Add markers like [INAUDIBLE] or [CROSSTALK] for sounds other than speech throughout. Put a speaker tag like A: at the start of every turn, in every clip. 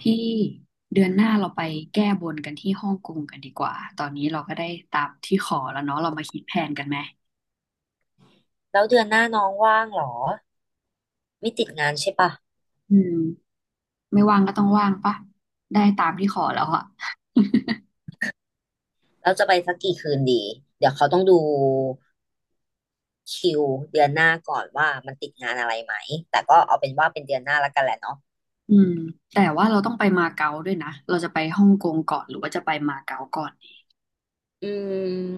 A: พี่เดือนหน้าเราไปแก้บนกันที่ฮ่องกงกันดีกว่าตอนนี้เราก็ได้ตามที่ขอแล้วเนาะเรามาคิดแผนกันไหม
B: แล้วเดือนหน้าน้องว่างเหรอไม่ติดงานใช่ปะ
A: อืมไม่ว่างก็ต้องว่างปะได้ตามที่ขอแล้วอะ [LAUGHS]
B: แล้วจะไปสักกี่คืนดีเดี๋ยวเขาต้องดูคิวเดือนหน้าก่อนว่ามันติดงานอะไรไหมแต่ก็เอาเป็นว่าเป็นเดือนหน้าและกันแหละเนาะ
A: อืมแต่ว่าเราต้องไปมาเก๊าด้วยนะ เราจะไปฮ่องกงก่อนหรือว่าจะไปมาเก๊าก่อนดี
B: อืม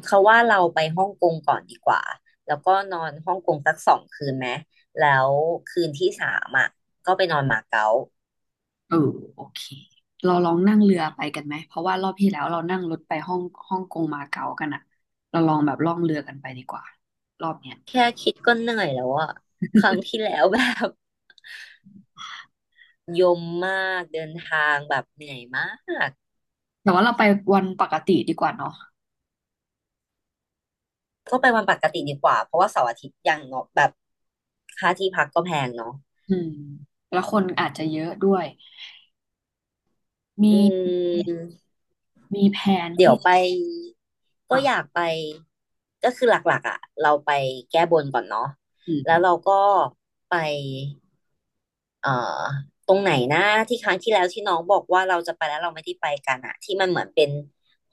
B: เขาว่าเราไปฮ่องกงก่อนดีกว่าแล้วก็นอนฮ่องกงสักสองคืนไหมแล้วคืนที่สามอ่ะก็ไปนอนมาเก๊า
A: เออโอเค เราลองนั่งเรือไปกันไหม เพราะว่ารอบที่แล้วเรานั่งรถไปฮ่องฮ่องกงมาเก๊ากันอะเราลองแบบล่องเรือกันไปดีกว่ารอบเนี้ย
B: แค่คิดก็เหนื่อยแล้วอ่ะครั้งที่แล้วแบบ [LAUGHS] ยมมากเดินทางแบบเหนื่อยมาก
A: แต่ว่าเราไปวันปกติดีกว่าเนาะ
B: ก็ไปวันปกติดีกว่าเพราะว่าเสาร์อาทิตย์ยังเนาะแบบค่าที่พักก็แพงเนาะ
A: อืมแล้วคนอาจจะเยอะด้วยมี
B: อืมเดี๋ยวไปก็อยาก
A: อ่ะ
B: ไปก็คือหลักๆอ่ะเราไปแก้บนก่อนเนาะ
A: อื
B: แล้วเรา
A: ม
B: ก็ไปเอ่อตรงไหนนะที่ครั้งที่แล้วที่น้องบอกว่าเราจะไปแล้วเราไม่ได้ไปกันอะที่มันเหมือนเป็น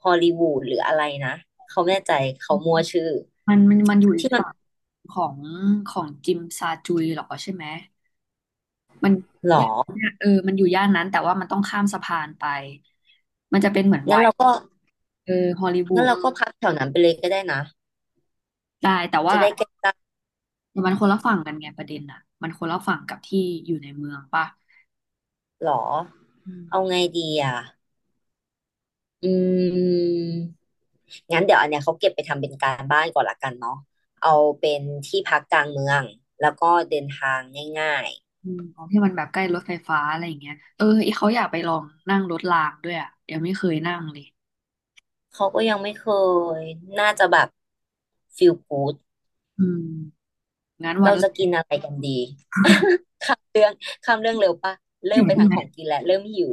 B: ฮอลลีวูดหรืออะไรนะเขาไม่แน่ใจเขามั่วชื่อ
A: มันอยู่อีก
B: ที่มัน
A: ฝั่งของของจิมซาจุยเหรอใช่ไหมมัน
B: หรอ
A: ย่านเออมันอยู่ย่านนั้นแต่ว่ามันต้องข้ามสะพานไปมันจะเป็นเหมือนไว
B: งั้นเรา
A: ท์
B: ก็
A: เออฮอลลีวู
B: งั้น
A: ด
B: เราก็พักแถวนั้นไปเลยก็ได้นะ
A: ได้แต่ว่า
B: จะได้ใกล้
A: มันคนละฝั่งกันไงประเด็นน่ะมันคนละฝั่งกับที่อยู่ในเมืองป่ะ
B: หรอ
A: อื
B: เอา
A: ม
B: ไงดีอ่ะอืมงั้นเดี๋ยวอันเนี้ยเขาเก็บไปทำเป็นการบ้านก่อนละกันเนาะเอาเป็นที่พักกลางเมืองแล้วก็เดินทางง่าย
A: อืมของที่มันแบบใกล้รถไฟฟ้าอะไรอย่างเงี้ยเอออีเขาอยากไปลองนั่งรถรางด้วยอ่ะยังไม่เคยนั่งเลย
B: ๆเขาก็ยังไม่เคยน่าจะแบบฟิลกูด
A: อืมงั้นวัน
B: เรา
A: แร
B: จะกิ
A: ก
B: นอะไรกันดี
A: [LAUGHS]
B: ข้ามข้ามเรื่องเร็วปะเริ่
A: ถึ
B: ม
A: ง
B: ไป
A: ใช่
B: ทาง
A: ไหม
B: ของกินแล้วเริ่มหิว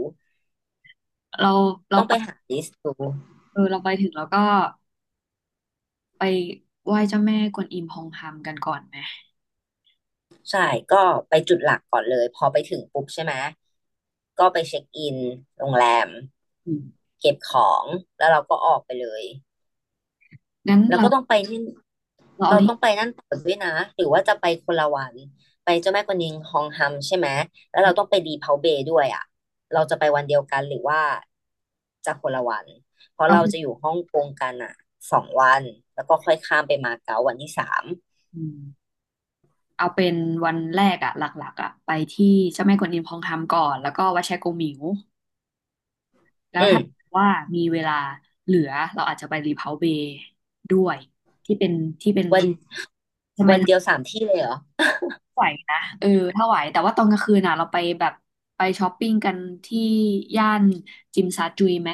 A: เราเรา
B: ต้อง
A: ไป
B: ไปหาลิสต์ดู
A: เออเราไปถึงแล้วก็ไปไหว้เจ้าแม่กวนอิมพองฮามกันก่อนไหม
B: ใช่ก็ไปจุดหลักก่อนเลยพอไปถึงปุ๊บใช่ไหมก็ไปเช็คอินโรงแรม
A: อืม
B: เก็บของแล้วเราก็ออกไปเลย
A: งั้น
B: แล้ว
A: เรา
B: ก็ต้องไปที่
A: เราเอา
B: เรา
A: ที่
B: ต้องไปนั่นต่อด้วยนะหรือว่าจะไปคนละวันไปเจ้าแม่กวนอิมฮองฮัมใช่ไหมแล้วเราต้องไปดีเพาเบย์ด้วยอ่ะเราจะไปวันเดียวกันหรือว่าจะคนละวันเพราะ
A: เอา
B: เราจะอยู่ฮ่องกงกันอ่ะสองวันแล้วก็ค่อยข้ามไปมาเก๊าวันที่สาม
A: อืมเอาเป็นวันแรกอะหลักๆอะไปที่เจ้าแม่กวนอิมพองฮามก่อนแล้วก็วัดแชโกมิวแล้ว
B: อื
A: ถ้า
B: ม
A: ว่ามีเวลาเหลือเราอาจจะไปรีเพาเบย์ด้วยที่เป็นที่เป็น
B: วัน
A: ใช่ไหม
B: วัน
A: ถ้า
B: เดียวสามที่เลยเหรอ
A: ไหวนะเออถ้าไหวแต่ว่าตอนกลางคืนน่ะเราไปแบบไปช้อปปิ้งกันที่ย่านจิมซาจุยไหม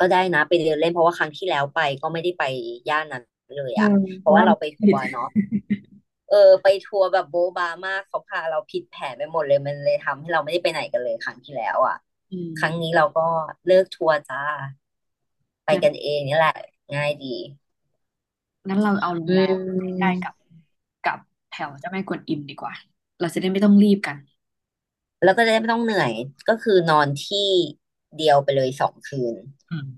B: ก็ได้นะไปเดินเล่นเพราะว่าครั้งที่แล้วไปก็ไม่ได้ไปย่านนั้นเลย
A: เออ
B: อ่ะเพ
A: เพ
B: ราะ
A: ราะ
B: ว่า
A: ว่า
B: เราไปทั
A: ผิ
B: ว
A: ด
B: ร์เนาะ เออไปทัวร์แบบโบ๊ะบามากเขาพาเราผิดแผนไปหมดเลยมันเลยทำให้เราไม่ได้ไปไหนกันเลยครั้งที่แล้วอ่ะ
A: อื
B: ครั้งนี้
A: ม
B: เราก็เลิกทัวร์จ้าไป
A: งั้น
B: กันเองนี่แหละง่ายดี
A: งั้นเราเอาโรง
B: อื
A: แรมใกล้ๆ
B: ม
A: กับกับแถวเจ้าแม่กวนอิมดีกว่าเราจะได้ไม่ต้องรีบกัน
B: แล้วก็จะได้ไม่ต้องเหนื่อยก็คือนอนที่เดียวไปเลยสองคืน
A: อืม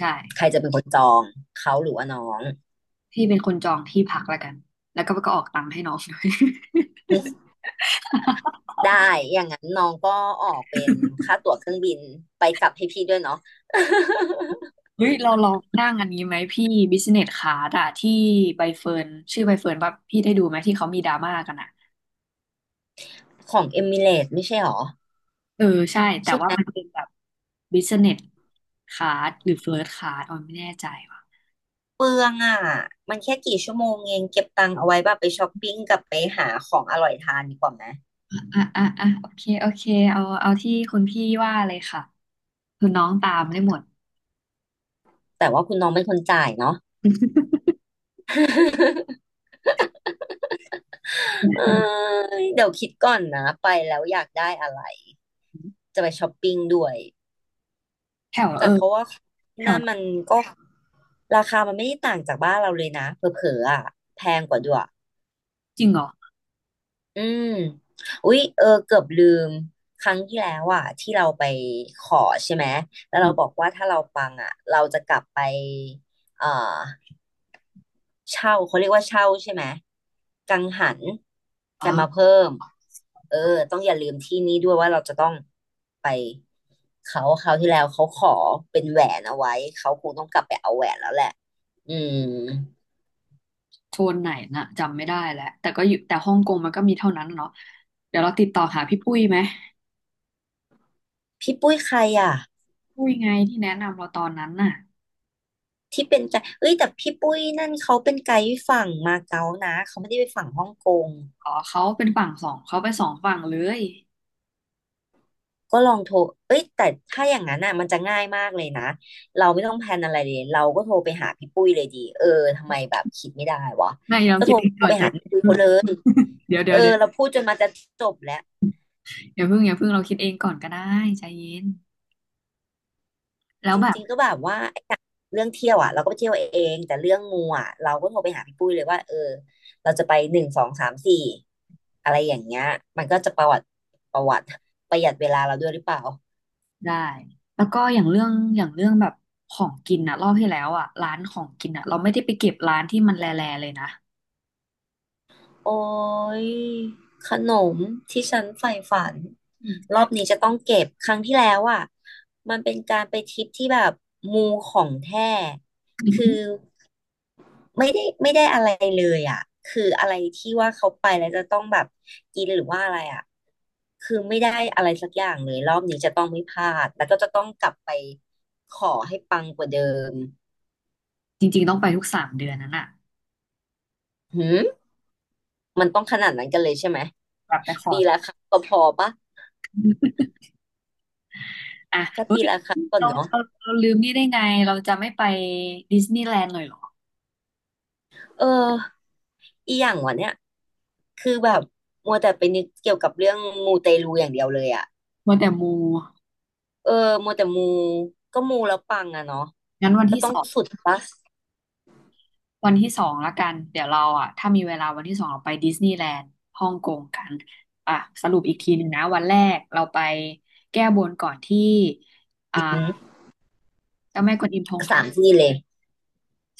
A: ใช่
B: ใครจะเป็นคนจองเขาหรือว่าน้อง
A: พี่เป็นคนจองที่พักแล้วกันแล้วก็ก็ออกตังค์ให้น้องด้วย
B: [LAUGHS] ได้อย่างนั้นน้องก็ออกเป็นค่าตั๋วเครื่องบินไปกลับให้พี่ด้วยเนาะ
A: [LAUGHS] เฮ้ย [LAUGHS] เราลองนั่งอันนี้ไหมพี่บิสเนสคลาสอะที่ใบเฟิร์นชื่อใบเฟิร์นว่าพี่ได้ดูไหมที่เขามีดราม่ากันอะ
B: [LAUGHS] ของเอมิเรตไม่ใช่หรอ
A: เออใช่แต่ว่ามันเป็นแบบบิสเนสคลาสหรือเฟิร์ c คลาสออนไม่แน่ใจว่ะ
B: เปลืองอ่ะมันแค่กี่ชั่วโมงเองเก็บตังค์เอาไว้แบบไปช้อปปิ้งกับไปหาของอร่อยทานดีกว่าไหม
A: อ่ะอ่ะอ่ะโอเคโอเคเอาเอาที่คุณพี่ว่าเลยค่ะคือน้องตามได้หมด
B: แต่ว่าคุณน้องเป็นคนจ่ายเนาะ
A: [LAUGHS]
B: [LAUGHS] เอ้ยเดี๋ยวคิดก่อนนะไปแล้วอยากได้อะไรจะไปช้อปปิ้งด้วย
A: แถวเอ
B: แต่
A: อ
B: เขาว่า
A: แถว
B: นั่นมันก็ราคามันไม่ได้ต่างจากบ้านเราเลยนะเผลอๆอ่ะแพงกว่าด้วย
A: จริงเหรอ
B: อืมอุ๊ยเออเกือบลืมครั้งที่แล้วอ่ะที่เราไปขอใช่ไหมแล้ว
A: อื
B: เรา
A: ม
B: บอกว่าถ้าเราปังอ่ะเราจะกลับไปเอ่อเช่าเขาเรียกว่าเช่าใช่ไหมกังหัน
A: อ๋
B: กันมา
A: อ
B: เพิ่มเออต้องอย่าลืมที่นี้ด้วยว่าเราจะต้องไปเขาคราวที่แล้วเขาขอเป็นแหวนเอาไว้เขาคงต้องกลับไปเอาแหวนแล้วแหละอืม
A: โซนไหนน่ะจำไม่ได้แล้วแต่ก็อยู่แต่ฮ่องกงมันก็มีเท่านั้นเนาะเดี๋ยวเราติดต่อหาพี่ปุ้ยไหม
B: พี่ปุ้ยใครอ่ะ
A: ปุ้ยไงที่แนะนำเราตอนนั้นน่ะ
B: ที่เป็นใจเอ้ยแต่พี่ปุ้ยนั่นเขาเป็นไกด์ฝั่งมาเก๊านะเขาไม่ได้ไปฝั่งฮ่องกง
A: อ๋อเขาเป็นฝั่งสองเขาไปสองฝั่งเลย
B: ก็ลองโทรเอ้ยแต่ถ้าอย่างนั้นน่ะมันจะง่ายมากเลยนะเราไม่ต้องแพลนอะไรเลยเราก็โทรไปหาพี่ปุ้ยเลยดีเออทำไมแบบคิดไม่ได้วะ
A: ไม่เรา
B: ก็
A: คิ
B: โทร
A: ดเองก่อน
B: ไป
A: ใจ
B: หาพี่
A: เย็
B: ปุ้ย
A: น
B: เขาเลย
A: [LAUGHS] เดี๋ยว
B: เอ
A: เดี๋ย
B: อ
A: วเดี๋ยว
B: เราพูดจนมาจะจบแล้ว
A: อย่าเพิ่งเราคิดเองก่อนก็ได้ใจเย็นแล้ว
B: จ
A: แบบ
B: ริงๆก็แบบว่าไอ้อย่างเรื่องเที่ยวอ่ะเราก็ไปเที่ยวเองแต่เรื่องมูอ่ะเราก็โทรไปหาพี่ปุ้ยเลยว่าเออเราจะไปหนึ่งสองสามสี่อะไรอย่างเงี้ยมันก็จะประวัติประหยัดเวลาเราด้วยหรือเปล่า
A: ได้แล้วก็อย่างเรื่องอย่างเรื่องแบบของกินอะรอบที่แล้วอะร้านของกินอะเราไม่ได้ไปเก็บร้านที่มันแลแลเลยนะ
B: โอ้ยขนมที่ฉันใฝ่ฝัน
A: อื
B: ร
A: ม
B: อบนี้จะต้องเก็บครั้งที่แล้วอ่ะมันเป็นการไปทริปที่แบบมูของแท้คือ ไม่ได้ไม่ได้อะไรเลยอ่ะคืออะไรที่ว่าเขาไปแล้วจะต้องแบบกินหรือว่าอะไรอ่ะคือไม่ได้อะไรสักอย่างเลยรอบนี้จะต้องไม่พลาดแล้วก็จะต้องกลับไปขอให้ปังกว่าเดิม
A: จริงๆต้องไปทุกสามเดือนนั้นอะ
B: หืมมันต้องขนาดนั้นกันเลยใช่ไหม
A: แบบไปขอ
B: ปีละ
A: ก่อน
B: ครั้งก็พอปะ
A: อะ
B: ถ้า
A: เฮ้
B: ปี
A: ย
B: ละครั้งก่อน
A: เรา
B: เนาะ
A: เราเราลืมนี่ได้ไงเราจะไม่ไปดิสนีย์แลนด์เลยเหรอ
B: เอออีอย่างวะเนี่ยคือแบบมัวแต่ไปนึกเกี่ยวกับเรื่องมูเตลูอย่างเดียวเลยอ่ะ
A: มัวแต่มู
B: เออมัวแต่มูก็มูแล้วปังอะเนาะ
A: งั้นวัน
B: ก็
A: ที่
B: ต้อ
A: ส
B: ง
A: อง
B: สุดปะ
A: วันที่สองละกันเดี๋ยวเราอะถ้ามีเวลาวันที่สองเราไปดิสนีย์แลนด์ฮ่องกงกันอ่ะสรุปอีกทีหนึ่งนะวันแรกเราไปแก้บนก่อนที่อ่า
B: อื
A: เจ้าแม่กวนอิมพง
B: สามที่เลย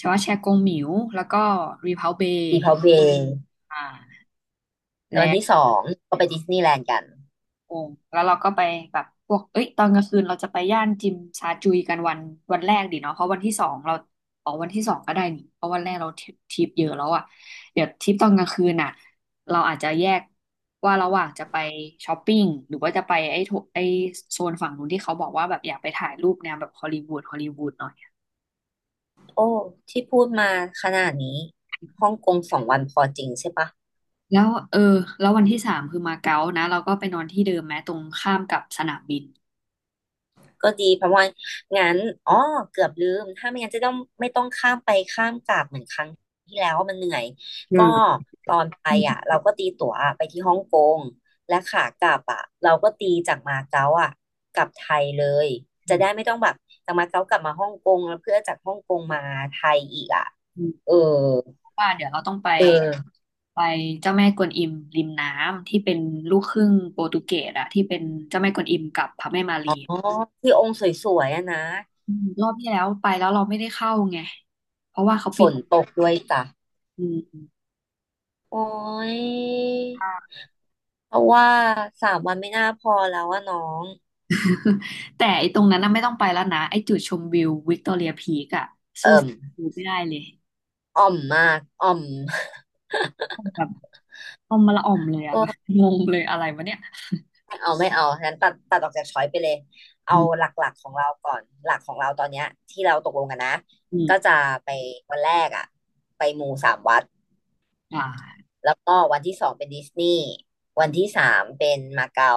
A: ชาวาแชกงหมิวแล้วก็รีเพาเบ
B: ดี
A: ย์
B: พาวเวย์
A: อ่า
B: แล้
A: แล้
B: ววัน
A: ว
B: ที่สอ
A: ก็
B: งก็ไปดิสนีย์แลนด์กัน
A: กงแล้วเราก็ไปแบบพวกเอ้ยตอนกลางคืนเราจะไปย่านจิมซาจุยกันวันวันแรกดีเนาะเพราะวันที่สองเราออกวันที่สองก็ได้นี่เพราะวันแรกเราทริปเยอะแล้วอ่ะเดี๋ยวทริปตอนกลางคืนอ่ะเราอาจจะแยกว่าระหว่างจะไปช้อปปิ้งหรือว่าจะไปไอ้โถไอ้โซนฝั่งนู้นที่เขาบอกว่าแบบอยากไปถ่ายรูปแนวแบบฮอลลีวูดหน่อย
B: โอ้ที่พูดมาขนาดนี้ฮ่องกงสองวันพอจริงใช่ปะ
A: แล้วเออแล้ววันที่สามคือมาเก๊านะเราก็ไปนอนที่เดิมแม้ตรงข้ามกับสนามบิน
B: ก็ดีเพราะว่างั้นอ๋อเกือบลืมถ้าไม่งั้นจะต้องไม่ต้องข้ามไปข้ามกลับเหมือนครั้งที่แล้วมันเหนื่อย
A: อื
B: ก็
A: ม
B: ตอนไป
A: อื
B: อ่ะ
A: ม
B: เราก็ตีตั๋วไปที่ฮ่องกงและขากลับอ่ะเราก็ตีจากมาเก๊าอ่ะกลับไทยเลย
A: อื
B: จะ
A: ม
B: ได้ไม่ต้องแบบจากมาเก๊ากลับมาฮ่องกงแล้วเพื่อจากฮ่องกงมาไทยอีกอ่ะ
A: อืม
B: เออ
A: เพราะว่าเดี๋ยวเราต้องไป
B: เออ
A: ไปเจ้าแม่กวนอิมริมน้ำที่เป็นลูกครึ่งโปรตุเกสอะที่เป็นเจ้าแม่กวนอิมกับพระแม่มา
B: อ๋อ
A: รี
B: ที่องค์สวยๆอะนะ
A: อืมรอบที่แล้วไปแล้วเราไม่ได้เข้าไงเพราะว่าเขา
B: ฝ
A: ปิด
B: นตกด้วยจ้ะ
A: อืม
B: โอ้ย
A: [LAUGHS]
B: เพราะว่าสามวันไม่น่าพอแล้วอะน้อง
A: แต่ไอ้ตรงนั้นน่ะไม่ต้องไปแล้วนะไอ้จุดชมวิววิกตอเรียพีกอะสู้
B: เอิ่ม
A: สีวิวไม่ได้เลย
B: อ่อมมาก อ่อม [LAUGHS]
A: แบบออมมาละออมเลย
B: โอ
A: อะ [LAUGHS] แบบ
B: ้
A: งงเลยอะไรวะเนี่ย
B: ไม่เอาไม่เอางั้นตัดตัดออกจากช้อยไปเลย เอา
A: อืม
B: หลักๆของเราก่อนหลักของเราตอนเนี้ยที่เราตกลงกันนะ
A: อืม
B: ก็จะไปวันแรกอ่ะไปมูสามวัด
A: อ่า
B: แล้วก็วันที่สองเป็นดิสนีย์วันที่สามเป็นมาเก๊า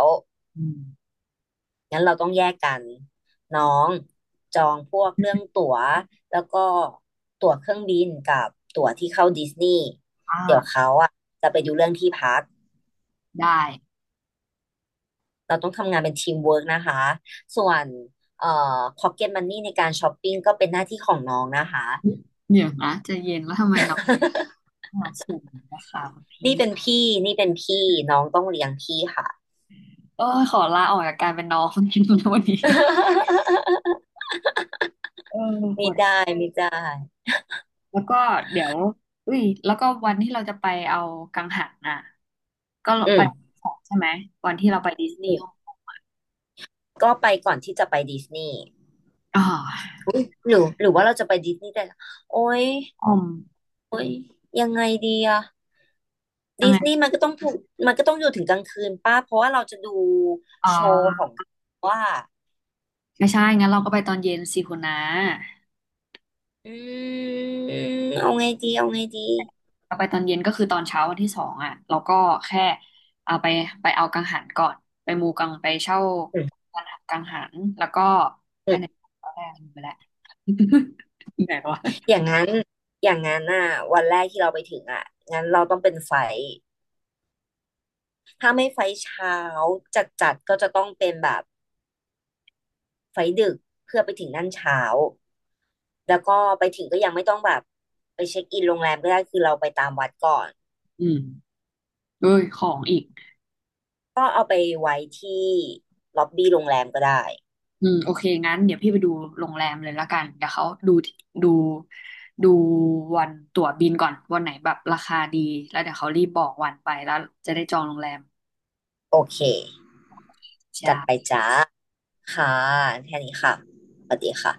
A: อืม
B: งั้นเราต้องแยกกันน้องจองพวกเรื่องตั๋วแล้วก็ตั๋วเครื่องบินกับตั๋วที่เข้าดิสนีย์เดี๋ยว
A: อ่า
B: เขาอ่ะจะไปดูเรื่องที่พัก
A: ได้
B: เราต้องทำงานเป็นทีมเวิร์กนะคะส่วนเอ่อพ็อกเก็ตมันนี่ในการช้อปปิ้งก็เป็นหน้าที่ของน้องนะคะ
A: [LAUGHS] เนี่ยนะใจะเย็นแล้วทำไม
B: [LAUGHS]
A: มาสูงนะคะคุณ
B: นี่
A: พี่
B: เป็นพี่นี่เป็นพี่น้องต้องเลี้ยงพี่ค่ะ
A: เออขอลาออกจากการเป็นน้อง [LAUGHS] คนนี้นะวันนี้
B: [LAUGHS]
A: เออป
B: ไม่
A: วด
B: ได้ไม่ได้
A: หัวแล้วก็เดี๋ยวอุ้ยแล้วก็วันที่เราจะไปเอากังหันน่ะก็
B: อื
A: ไป
B: ม
A: สองใช่ไหมวันที่เราไปดิสนี
B: อื
A: ย์ฮ่อง
B: ม
A: กง
B: ก็ไปก่อนที่จะไปดิสนีย์
A: อ๋อ
B: หรือหรือว่าเราจะไปดิสนีย์แต่ละโอ้ย
A: ออม
B: โอ้ยยังไงดีอะ
A: ยัง
B: ดิ
A: ไง
B: สนีย์มันก็ต้องถูกมันก็ต้องอยู่ถึงกลางคืนป้าเพราะว่าเราจะดู
A: อ๋
B: โชว์ข
A: อ
B: องว่า
A: ไม่ใช่งั้นเราก็ไปตอนเย็นสิคุณนะ
B: อืมเอาไงดีเอาไงดี
A: เอาไปตอนเย็นก็คือตอนเช้าวันที่สองอ่ะเราก็แค่เอาไปไปเอากังหันก่อนไปมูกังไปเช่า
B: อืม
A: กังหันแล้วก็ไป
B: อื
A: ไหน
B: ม
A: ก็ได้ลืมไปแล้ว [LAUGHS] ไหนวะ
B: อย่างนั้นอย่างนั้นอ่ะวันแรกที่เราไปถึงอ่ะงั้นเราต้องเป็นไฟท์ถ้าไม่ไฟท์เช้าจัดจัดก็จะต้องเป็นแบบไฟท์ดึกเพื่อไปถึงนั่นเช้าแล้วก็ไปถึงก็ยังไม่ต้องแบบไปเช็คอินโรงแรมก็ได้คือเราไปตามวัดก่อน
A: อืมเอ้ยของอีก
B: ก็เอาไปไว้ที่ล็อบบี้โรงแรมก็ได้
A: อืมโอเคงั้นเดี๋ยวพี่ไปดูโรงแรมเลยละกันเดี๋ยวเขาดูดูวันตั๋วบินก่อนวันไหนแบบราคาดีแล้วเดี๋ยวเขารีบบอกวันไปแล้วจะได้จองโรงแรม
B: โอเค
A: จ้า
B: จัดไปจ้าค่ะแค่นี้ค่ะสวัสดีค่ะ